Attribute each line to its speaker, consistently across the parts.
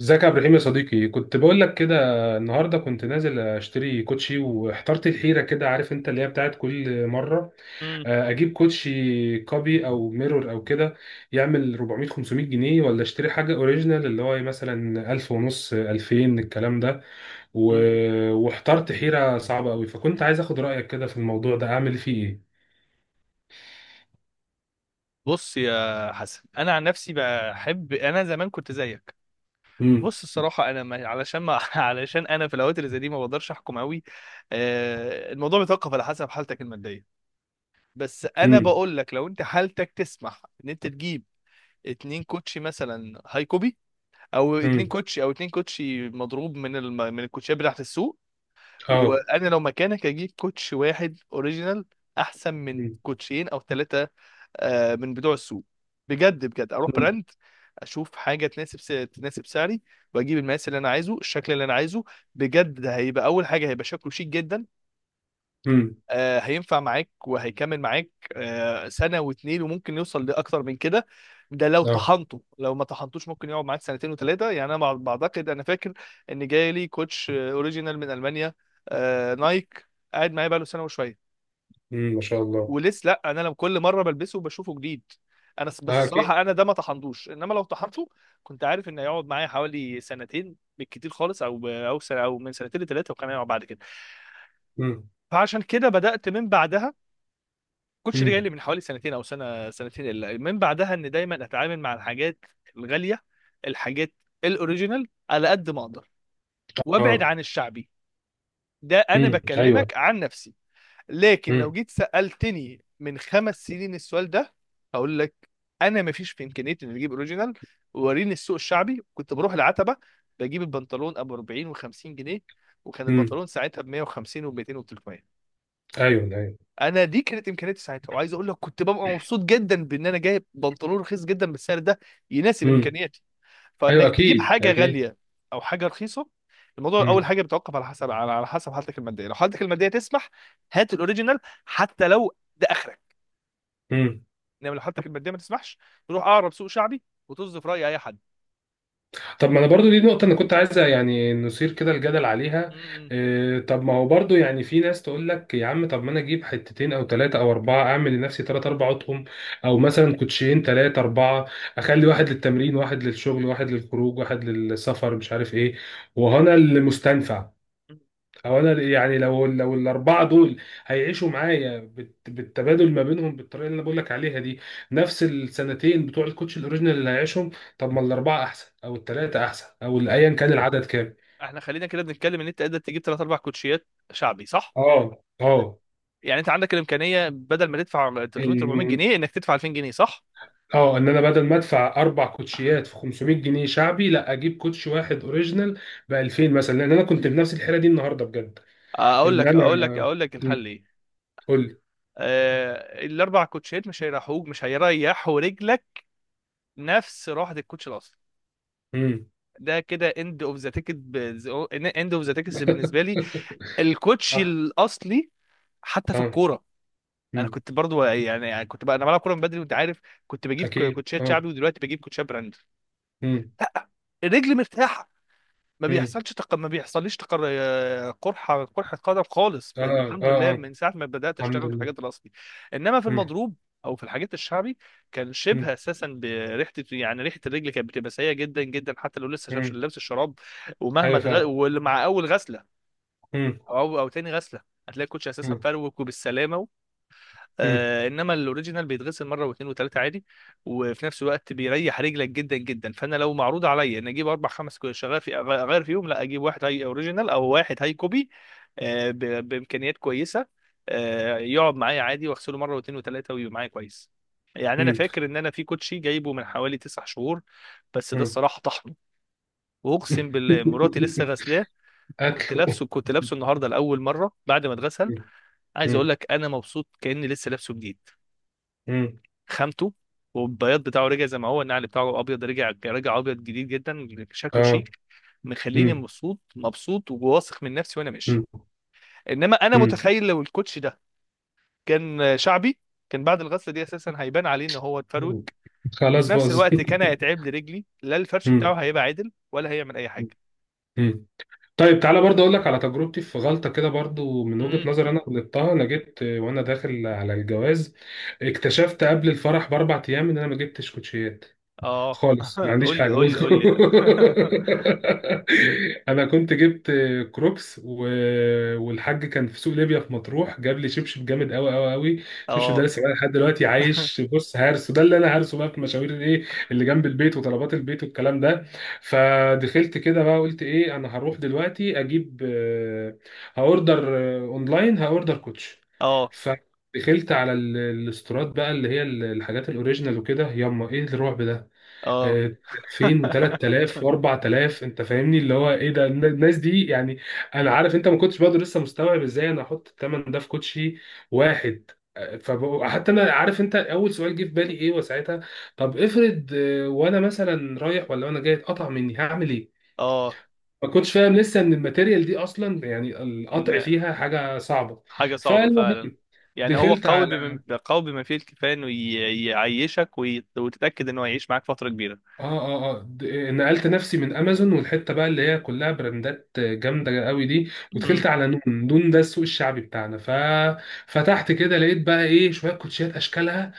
Speaker 1: ازيك يا عبد الرحيم يا صديقي؟ كنت بقول لك كده. النهارده كنت نازل اشتري كوتشي واحترت الحيره كده، عارف انت اللي هي بتاعت كل مره.
Speaker 2: مم.
Speaker 1: اجيب كوتشي كوبي او ميرور او كده، يعمل 400 500 جنيه، ولا اشتري حاجه اوريجينال اللي هو مثلا 1000 ونص 2000 الكلام ده.
Speaker 2: مم.
Speaker 1: واحترت حيره صعبه قوي، فكنت عايز اخد رايك كده في الموضوع ده اعمل فيه ايه.
Speaker 2: بص يا حسن، انا عن نفسي بحب، انا زمان كنت زيك.
Speaker 1: امم.
Speaker 2: بص الصراحه انا ما... علشان ما... علشان انا في الاوقات اللي زي دي ما بقدرش احكم قوي. الموضوع بيتوقف على حسب حالتك الماديه. بس انا
Speaker 1: امم.
Speaker 2: بقول لك لو انت حالتك تسمح ان انت تجيب اتنين كوتشي مثلا هاي كوبي، او اتنين
Speaker 1: امم.
Speaker 2: كوتشي، او اتنين كوتشي مضروب من من الكوتشيات بتاعت السوق.
Speaker 1: اه.
Speaker 2: وانا لو مكانك اجيب كوتش واحد اوريجينال احسن من
Speaker 1: امم.
Speaker 2: كوتشين او ثلاثه، من بتوع السوق. بجد بجد اروح براند، اشوف حاجه تناسب سعري، واجيب المقاس اللي انا عايزه، الشكل اللي انا عايزه. بجد ده هيبقى اول حاجه، هيبقى شكله شيك جدا.
Speaker 1: امم.
Speaker 2: هينفع معاك وهيكمل معاك سنه واتنين وممكن يوصل لاكتر من كده. ده لو
Speaker 1: اه.
Speaker 2: طحنته، لو ما طحنتوش ممكن يقعد معاك سنتين وثلاثه. يعني انا بعتقد انا فاكر ان جاي لي كوتش اوريجينال من المانيا، نايك، قاعد معايا بقاله سنه وشويه
Speaker 1: امم. ما شاء الله.
Speaker 2: ولسه لا. انا لما كل مره بلبسه بشوفه جديد. انا بس
Speaker 1: اه اكيد.
Speaker 2: الصراحه انا ده ما طحنتوش. انما لو طحنته كنت عارف ان هيقعد معايا حوالي سنتين بالكتير خالص، او او سنه، او من سنتين لثلاثه، وكان هيقعد بعد كده. فعشان كده بدات من بعدها، كنتش جاي
Speaker 1: امم.
Speaker 2: لي من حوالي سنتين او سنه سنتين الا من بعدها، ان دايما اتعامل مع الحاجات الغاليه، الحاجات الاوريجينال على قد ما اقدر، وابعد
Speaker 1: اه.
Speaker 2: عن الشعبي. ده انا
Speaker 1: ايوه.
Speaker 2: بكلمك عن نفسي. لكن لو
Speaker 1: امم.
Speaker 2: جيت سألتني من خمس سنين السؤال ده، هقول لك انا ما فيش في امكانيتي اني اجيب اوريجينال. وريني السوق الشعبي، كنت بروح العتبه، بجيب البنطلون ابو 40 و50 جنيه، وكان
Speaker 1: امم.
Speaker 2: البنطلون ساعتها ب 150 و200 و300.
Speaker 1: ايوه ايوه.
Speaker 2: انا دي كانت امكانياتي ساعتها، وعايز اقول لك كنت ببقى مبسوط جدا بان انا جايب بنطلون رخيص جدا بالسعر ده يناسب
Speaker 1: امم.
Speaker 2: امكانياتي.
Speaker 1: ايوه
Speaker 2: فانك تجيب
Speaker 1: اكيد
Speaker 2: حاجه
Speaker 1: اكيد.
Speaker 2: غاليه او حاجه رخيصه، الموضوع اول
Speaker 1: امم.
Speaker 2: حاجه بيتوقف على حسب حالتك الماديه. لو حالتك الماديه تسمح، هات الاوريجينال، حتى لو ده اخرك.
Speaker 1: امم.
Speaker 2: انما لو حالتك الماديه ما تسمحش، تروح اقرب سوق شعبي وتصدف راي اي حد.
Speaker 1: طب ما انا برضو دي نقطه انا كنت عايزه يعني نثير كده الجدل
Speaker 2: م-
Speaker 1: عليها.
Speaker 2: م-
Speaker 1: إيه، طب ما هو برضو يعني، في ناس تقول لك يا عم طب ما انا اجيب حتتين او ثلاثه او اربعه، اعمل لنفسي ثلاث اربع اطقم، او مثلا كوتشين ثلاثه اربعه، اخلي واحد للتمرين واحد للشغل واحد للخروج واحد للسفر مش عارف ايه. وهنا المستنفع،
Speaker 2: م.
Speaker 1: هو انا يعني لو الاربعه دول هيعيشوا معايا بالتبادل ما بينهم بالطريقه اللي انا بقول لك عليها دي، نفس السنتين بتوع الكوتش الاوريجينال اللي هيعيشهم. طب ما الاربعه احسن او الثلاثه احسن، او ايا كان العدد كام؟
Speaker 2: احنا خلينا كده بنتكلم ان انت قادر تجيب ثلاث اربع كوتشيات شعبي، صح؟
Speaker 1: اه اه.
Speaker 2: يعني انت عندك الامكانيه بدل ما تدفع 300 400
Speaker 1: إن-
Speaker 2: جنيه انك تدفع 2000 جنيه، صح؟
Speaker 1: اه ان انا بدل ما ادفع اربع كوتشيات في 500 جنيه شعبي، لا اجيب كوتش واحد اوريجينال ب 2000 مثلا، لان انا كنت بنفس الحيره دي النهارده بجد.
Speaker 2: اقول
Speaker 1: ان
Speaker 2: لك اقول لك
Speaker 1: انا،
Speaker 2: اقول لك الحل ايه.
Speaker 1: قول لي.
Speaker 2: الاربع كوتشيات مش هيريحوك، مش هيريحوا رجلك نفس روحة الكوتش الاصلي.
Speaker 1: امم.
Speaker 2: ده كده اند اوف ذا تيكت، اند اوف ذا تيكتس بالنسبه لي الكوتش
Speaker 1: صح.
Speaker 2: الاصلي. حتى في
Speaker 1: اه.
Speaker 2: الكوره، انا
Speaker 1: امم.
Speaker 2: كنت برضو يعني كنت بقى انا بلعب كوره من بدري وانت عارف، كنت بجيب
Speaker 1: اكيد.
Speaker 2: كوتشات
Speaker 1: اه.
Speaker 2: شعبي، ودلوقتي بجيب كوتشات براند.
Speaker 1: مم.
Speaker 2: لا، رجلي مرتاحه. ما
Speaker 1: مم.
Speaker 2: بيحصلش تق... ما بيحصليش قرحه قدم خالص، من
Speaker 1: اه اه
Speaker 2: الحمد لله
Speaker 1: اه.
Speaker 2: من ساعه ما بدات
Speaker 1: الحمد
Speaker 2: اشتغل في
Speaker 1: لله.
Speaker 2: الحاجات الاصلي. انما في
Speaker 1: مم.
Speaker 2: المضروب، او في الحاجات الشعبي، كان
Speaker 1: مم.
Speaker 2: شبه اساسا بريحه، يعني ريحه الرجل كانت بتبقى سيئه جدا جدا، حتى لو لسه شابش
Speaker 1: مم.
Speaker 2: لابس الشراب.
Speaker 1: ايوه فعلا.
Speaker 2: واللي مع اول غسله،
Speaker 1: مم.
Speaker 2: او او تاني غسله، هتلاقي الكوتش اساسا
Speaker 1: مم.
Speaker 2: فروك وبالسلامه.
Speaker 1: مم.
Speaker 2: انما الاوريجينال بيتغسل مره واثنين وثلاثه عادي، وفي نفس الوقت بيريح رجلك جدا جدا. فانا لو معروض عليا ان اجيب اربع خمس شغال في اغير فيهم، لا اجيب واحد هاي اوريجينال او واحد هاي كوبي، آه ب- بامكانيات كويسه، يقعد معايا عادي، واغسله مره واثنين وثلاثه، ويبقى معايا كويس. يعني انا
Speaker 1: مم.
Speaker 2: فاكر ان انا في كوتشي جايبه من حوالي تسع شهور، بس ده
Speaker 1: مم.
Speaker 2: الصراحه طحنه، واقسم بالله مراتي لسه غسلاه، كنت
Speaker 1: اكل.
Speaker 2: لابسه كنت لابسه النهارده لاول مره بعد ما اتغسل.
Speaker 1: مم.
Speaker 2: عايز
Speaker 1: مم.
Speaker 2: اقول لك انا مبسوط كاني لسه لابسه جديد.
Speaker 1: مم.
Speaker 2: خامته والبياض بتاعه رجع زي ما هو، النعل بتاعه ابيض رجع رجع ابيض جديد جدا، شكله
Speaker 1: اه.
Speaker 2: شيك، مخليني
Speaker 1: مم.
Speaker 2: مبسوط مبسوط وواثق من نفسي وانا ماشي.
Speaker 1: مم.
Speaker 2: انما انا
Speaker 1: مم.
Speaker 2: متخيل لو الكوتش ده كان شعبي، كان بعد الغسله دي اساسا هيبان عليه ان هو اتفروت،
Speaker 1: مم. خلاص
Speaker 2: وفي نفس
Speaker 1: باظ.
Speaker 2: الوقت كان هيتعب لرجلي، لا الفرش بتاعه
Speaker 1: مم.
Speaker 2: هيبقى عادل ولا هيعمل اي حاجه.
Speaker 1: مم. طيب تعالى برضه اقول لك على تجربتي في غلطه كده، برضه من
Speaker 2: امم.
Speaker 1: وجهه نظر انا غلطتها. انا جبت وانا داخل على الجواز، اكتشفت قبل الفرح باربع ايام ان انا ما جبتش كوتشيات
Speaker 2: اه
Speaker 1: خالص، ما
Speaker 2: قول
Speaker 1: عنديش
Speaker 2: لي
Speaker 1: حاجه.
Speaker 2: قول لي قول لي.
Speaker 1: انا كنت جبت كروكس والحاج كان في سوق ليبيا في مطروح جاب لي شبشب جامد قوي قوي قوي. الشبشب ده
Speaker 2: اه.
Speaker 1: لسه بقى لحد دلوقتي عايش، بص، هارسه ده اللي انا هارسه بقى في مشاوير الايه اللي جنب البيت وطلبات البيت والكلام ده. فدخلت كده بقى قلت ايه، انا هروح دلوقتي اجيب هاوردر اونلاين، هاوردر كوتش.
Speaker 2: اه
Speaker 1: ف... دخلت على الاستورات بقى، اللي هي الحاجات الاوريجينال وكده، ياما ايه الرعب ده،
Speaker 2: اه.
Speaker 1: آه، 2000 و3000 و4000. انت فاهمني اللي هو ايه ده، الناس دي يعني، انا عارف انت ما كنتش برضه لسه مستوعب ازاي انا احط الثمن ده في كوتشي واحد. فحتى انا عارف انت اول سؤال جه في بالي ايه وساعتها، طب افرض وانا مثلا رايح ولا وانا جاي اتقطع مني هعمل ايه؟
Speaker 2: اه.
Speaker 1: ما كنتش فاهم لسه ان الماتيريال دي اصلا يعني القطع فيها حاجه صعبه.
Speaker 2: حاجة صعبة
Speaker 1: فالمهم
Speaker 2: فعلا. يعني هو
Speaker 1: دخلت.
Speaker 2: قوي بما قوي بما فيه الكفاية انه يعيشك وتتأكد انه هيعيش معاك فترة كبيرة.
Speaker 1: اه اه اه. نقلت نفسي من امازون والحته بقى اللي هي كلها براندات جامده قوي دي،
Speaker 2: مم.
Speaker 1: ودخلت على نون، نون ده السوق الشعبي بتاعنا. ففتحت كده لقيت بقى ايه، شويه كوتشيات اشكالها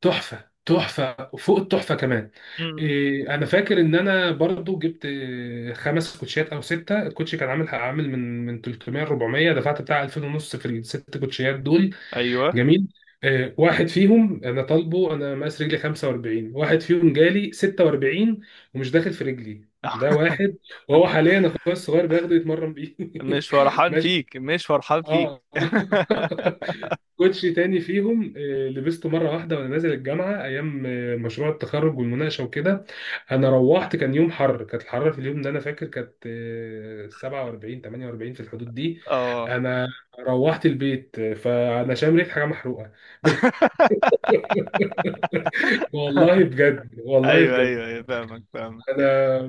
Speaker 1: تحفه تحفه، وفوق التحفه كمان.
Speaker 2: مم.
Speaker 1: إيه انا فاكر ان انا برضو جبت خمس كوتشيات او سته، الكوتشي كان عامل عامل من 300 400، دفعت بتاع 2000 ونص في الست كوتشيات دول.
Speaker 2: ايوه.
Speaker 1: جميل. واحد فيهم انا طالبه، انا مقاس رجلي 45، واحد فيهم جالي 46 ومش داخل في رجلي، ده واحد. وهو حاليا اخويا الصغير بياخده يتمرن بيه.
Speaker 2: مش فرحان
Speaker 1: ماشي.
Speaker 2: فيك مش فرحان فيك.
Speaker 1: اه. كوتشي تاني فيهم، لبسته مرة واحدة وأنا نازل الجامعة أيام مشروع التخرج والمناقشة وكده. أنا روحت كان يوم حر، كانت الحرارة في اليوم ده أنا فاكر كانت 47 48، في الحدود دي.
Speaker 2: اه.
Speaker 1: أنا روحت البيت فأنا شام ريحة حاجة محروقة. والله بجد، والله
Speaker 2: ايوه
Speaker 1: بجد.
Speaker 2: ايوه ايوه، فاهمك فاهمك.
Speaker 1: أنا،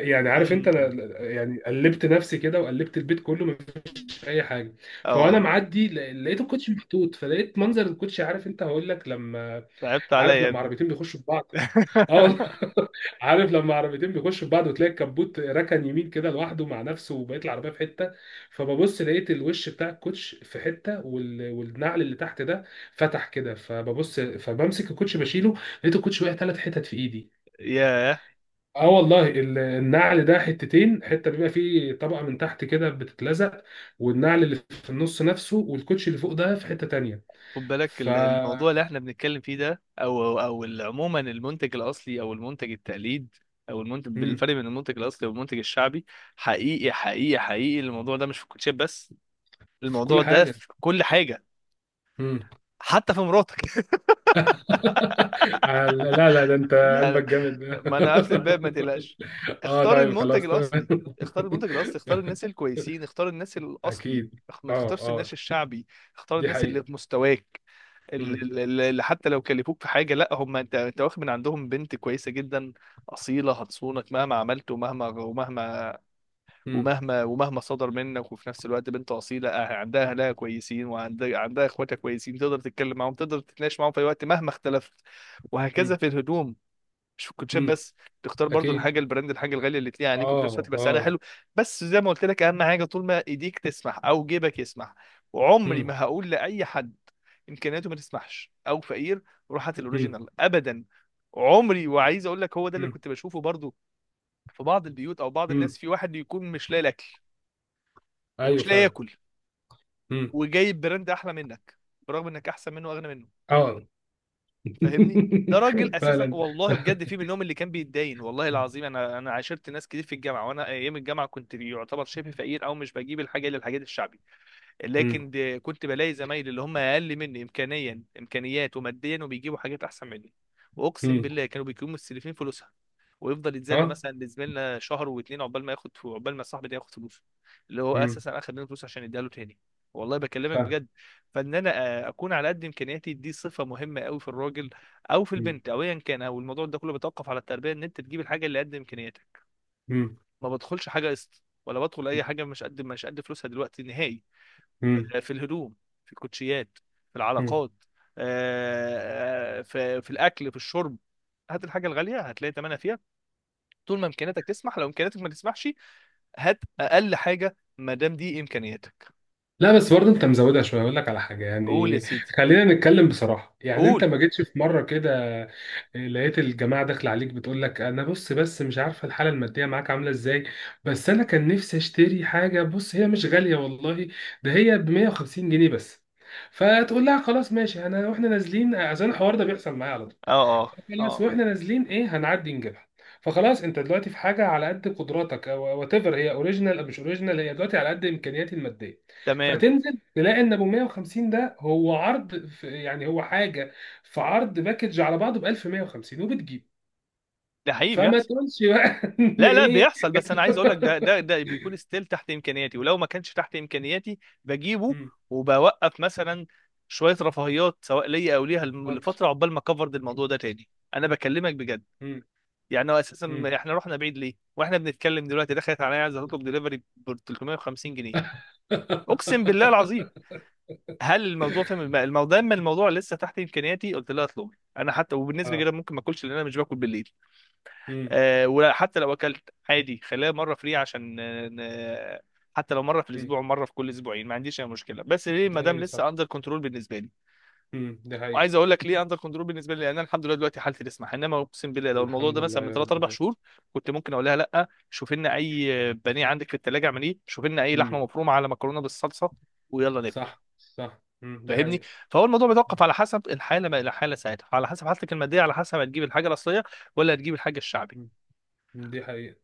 Speaker 1: يعني عارف أنت،
Speaker 2: مم.
Speaker 1: أنا يعني قلبت نفسي كده وقلبت البيت كله، اي حاجه. فانا
Speaker 2: اه.
Speaker 1: معدي لقيت الكوتش محطوط، فلقيت منظر الكوتش، عارف انت هقول لك لما،
Speaker 2: تعبت عليا
Speaker 1: عارف
Speaker 2: يا
Speaker 1: لما
Speaker 2: ابني.
Speaker 1: عربيتين بيخشوا في بعض. اه والله. عارف لما عربيتين بيخشوا في بعض وتلاقي الكبوت ركن يمين كده لوحده مع نفسه وبقيت العربيه في حته. فببص لقيت الوش بتاع الكوتش في حته والنعل اللي تحت ده فتح كده، فببص فبمسك الكوتش بشيله، لقيت الكوتش وقع ثلاث حتت في ايدي.
Speaker 2: ياه.
Speaker 1: اه والله، النعل ده حتتين، حته بيبقى فيه طبقه من تحت كده بتتلزق، والنعل اللي في النص نفسه، والكوتش اللي فوق ده في حته تانية.
Speaker 2: خد بالك
Speaker 1: ف،
Speaker 2: الموضوع اللي احنا بنتكلم فيه ده، عموما المنتج الاصلي او المنتج التقليد، او المنتج
Speaker 1: مم.
Speaker 2: بالفرق بين المنتج الاصلي والمنتج الشعبي. حقيقي حقيقي حقيقي الموضوع ده مش في الكوتشيب بس،
Speaker 1: في كل
Speaker 2: الموضوع ده
Speaker 1: حاجه.
Speaker 2: في كل حاجه،
Speaker 1: مم.
Speaker 2: حتى في مراتك.
Speaker 1: آه، لا لا لا، ده انت
Speaker 2: لا لا.
Speaker 1: قلبك جامد.
Speaker 2: ما انا قافل الباب ما تقلقش.
Speaker 1: اه
Speaker 2: اختار
Speaker 1: طيب
Speaker 2: المنتج
Speaker 1: خلاص تمام.
Speaker 2: الاصلي. اختار المنتج الاصلي، اختار الناس الكويسين، اختار الناس الاصلي،
Speaker 1: اكيد.
Speaker 2: ما
Speaker 1: اه
Speaker 2: تختارش
Speaker 1: اه.
Speaker 2: الناس الشعبي. اختار
Speaker 1: دي
Speaker 2: الناس اللي
Speaker 1: حقيقه.
Speaker 2: في مستواك،
Speaker 1: مم.
Speaker 2: اللي حتى لو كلفوك في حاجه، لا هم انت واخد من عندهم بنت كويسه جدا، اصيله هتصونك مهما عملت، ومهما ومهما
Speaker 1: مم.
Speaker 2: ومهما ومهما صدر منك. وفي نفس الوقت بنت اصيله عندها اهلها كويسين، وعندها اخواتها كويسين، تقدر تتكلم معاهم تقدر تتناقش معاهم في اي وقت مهما اختلفت. وهكذا
Speaker 1: مم.
Speaker 2: في الهدوم، مش في الكوتشات
Speaker 1: مم.
Speaker 2: بس. تختار برضو
Speaker 1: اكيد.
Speaker 2: الحاجه البراند، الحاجه الغاليه اللي تليق عليك وفي نفس الوقت
Speaker 1: اه
Speaker 2: يبقى سعرها
Speaker 1: اه.
Speaker 2: حلو. بس زي ما قلت لك اهم حاجه طول ما ايديك تسمح او جيبك يسمح. وعمري
Speaker 1: مم.
Speaker 2: ما هقول لاي حد امكانياته ما تسمحش او فقير، روح هات
Speaker 1: مم.
Speaker 2: الاوريجينال. ابدا. عمري. وعايز اقول لك هو ده اللي
Speaker 1: مم.
Speaker 2: كنت بشوفه برضو، في بعض البيوت او بعض
Speaker 1: مم.
Speaker 2: الناس، في واحد يكون مش لاقي الاكل
Speaker 1: ايوه
Speaker 2: ومش لاقي
Speaker 1: فعلا.
Speaker 2: ياكل،
Speaker 1: مم.
Speaker 2: وجايب براند احلى منك، برغم انك احسن منه واغنى منه.
Speaker 1: اه.
Speaker 2: فاهمني؟ ده راجل اساسا
Speaker 1: فعلا.
Speaker 2: والله بجد، في منهم اللي كان بيتداين والله العظيم. انا عاشرت ناس كتير في الجامعه، وانا ايام الجامعه كنت يعتبر شبه فقير، او مش بجيب الحاجه الا الحاجات الشعبي.
Speaker 1: مم.
Speaker 2: لكن دي كنت بلاقي زمايلي اللي هم اقل مني امكانيات وماديا، وبيجيبوا حاجات احسن مني. واقسم
Speaker 1: مم.
Speaker 2: بالله كانوا بيكونوا مستلفين فلوسها، ويفضل يتذل
Speaker 1: اه.
Speaker 2: مثلا لزميلنا شهر واتنين عقبال ما ياخد، عقبال ما صاحبي ده ياخد فلوسه، اللي هو
Speaker 1: مم.
Speaker 2: اساسا اخد منه فلوس عشان يديها له تاني. والله بكلمك
Speaker 1: فعلا.
Speaker 2: بجد. فان انا اكون على قد امكانياتي دي صفه مهمه قوي في الراجل او في
Speaker 1: مم.
Speaker 2: البنت او ايا كان، او الموضوع ده كله بيتوقف على التربيه، ان انت تجيب الحاجه اللي قد امكانياتك.
Speaker 1: مم.
Speaker 2: ما بدخلش حاجه قسط، ولا بدخل اي حاجه مش قد فلوسها دلوقتي نهائي.
Speaker 1: مم.
Speaker 2: في الهدوم، في الكوتشيات، في
Speaker 1: مم.
Speaker 2: العلاقات، في الاكل، في الشرب. هات الحاجه الغاليه هتلاقي ثمنها فيها، طول ما امكانياتك تسمح. لو امكانياتك ما تسمحش، هات اقل حاجه ما دام دي امكانياتك.
Speaker 1: لا بس برضه انت مزودها شويه، اقول لك على حاجه
Speaker 2: قول يا
Speaker 1: يعني،
Speaker 2: سيدي.
Speaker 1: خلينا نتكلم بصراحه، يعني انت
Speaker 2: قول.
Speaker 1: ما جيتش في مره كده لقيت الجماعه داخله عليك بتقول لك انا بص، بس مش عارفه الحاله الماديه معاك عامله ازاي، بس انا كان نفسي اشتري حاجه بص، هي مش غاليه والله، ده هي ب 150 جنيه بس. فتقول لها خلاص ماشي، انا واحنا نازلين عشان الحوار ده بيحصل معايا،
Speaker 2: اه اه
Speaker 1: خلاص
Speaker 2: اه
Speaker 1: واحنا نازلين ايه هنعدي نجيبها. فخلاص انت دلوقتي في حاجه على قد قدراتك، او وات ايفر هي اوريجينال او مش اوريجينال، هي دلوقتي على قد امكانياتي الماديه.
Speaker 2: تمام.
Speaker 1: فتنزل تلاقي ان ابو 150 ده هو عرض، في يعني هو حاجه، في عرض باكج على بعضه ب 1150 وبتجيب.
Speaker 2: ده حقيقي
Speaker 1: فما
Speaker 2: بيحصل.
Speaker 1: تقولش بقى ان
Speaker 2: لا لا
Speaker 1: ايه.
Speaker 2: بيحصل، بس انا عايز اقول لك ده ده ده بيكون ستيل تحت امكانياتي، ولو ما كانش تحت امكانياتي بجيبه.
Speaker 1: مم،
Speaker 2: وبوقف مثلا شويه رفاهيات سواء ليا او ليها
Speaker 1: واتر.
Speaker 2: لفتره، عقبال ما اكفر الموضوع ده تاني. انا بكلمك بجد.
Speaker 1: مم،
Speaker 2: يعني هو اساسا
Speaker 1: مم.
Speaker 2: احنا رحنا بعيد ليه واحنا بنتكلم؟ دلوقتي دخلت عليا عايز اطلب دليفري ب 350 جنيه. اقسم بالله العظيم هل الموضوع فاهم الموضوع؟ دام الموضوع لسه تحت امكانياتي قلت لها اطلبي. انا حتى وبالنسبه
Speaker 1: اه.
Speaker 2: كده ممكن ما اكلش لان انا مش باكل بالليل.
Speaker 1: امم.
Speaker 2: وحتى لو اكلت عادي خليها مره فري عشان ن- حتى لو مره في
Speaker 1: امم
Speaker 2: الاسبوع ومره في كل اسبوعين ما عنديش اي مشكله، بس ليه؟ ما دام
Speaker 1: ايوه صح.
Speaker 2: لسه اندر كنترول بالنسبه لي.
Speaker 1: امم. ده حقيقة.
Speaker 2: وعايز اقول لك ليه اندر كنترول بالنسبه لي، لان انا الحمد لله دلوقتي حالتي تسمح. انما اقسم بالله لو الموضوع
Speaker 1: الحمد
Speaker 2: ده
Speaker 1: لله
Speaker 2: مثلا من
Speaker 1: يا
Speaker 2: 3 4
Speaker 1: رب.
Speaker 2: شهور، كنت ممكن اقول لها لا شوف لنا اي بانيه عندك في الثلاجه اعمليه، شوف لنا اي لحمه
Speaker 1: ده
Speaker 2: مفرومه على مكرونه بالصلصه، ويلا ناكل.
Speaker 1: صح صح. مم. دي
Speaker 2: فاهمني؟
Speaker 1: حقيقة.
Speaker 2: فهو الموضوع
Speaker 1: مم.
Speaker 2: بيتوقف على حسب الحاله ما الى حاله ساعتها، على حسب حالتك الماديه، على حسب هتجيب الحاجه الاصليه ولا هتجيب الحاجه الشعبي.
Speaker 1: مم. دي حقيقة.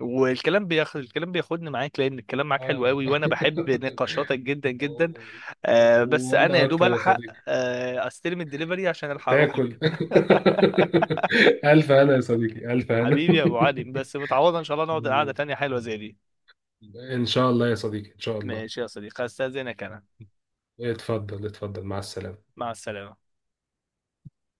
Speaker 2: والكلام بياخد الكلام بياخدني معاك، لان الكلام معاك حلو
Speaker 1: اه.
Speaker 2: قوي، وانا بحب نقاشاتك جدا جدا.
Speaker 1: أوه.
Speaker 2: بس انا يا
Speaker 1: وانا
Speaker 2: دوب
Speaker 1: اكتر يا
Speaker 2: الحق
Speaker 1: صديقي،
Speaker 2: استلم الدليفري عشان الحق اروح.
Speaker 1: تاكل. الف انا يا صديقي، الف انا.
Speaker 2: حبيبي يا ابو علي، بس متعوضه ان شاء الله نقعد قعده تانيه حلوه زي دي.
Speaker 1: ان شاء الله يا صديقي، ان شاء الله.
Speaker 2: ماشي يا صديقي، استاذنك انا.
Speaker 1: اتفضل اتفضل، مع السلامة.
Speaker 2: مع السلامه.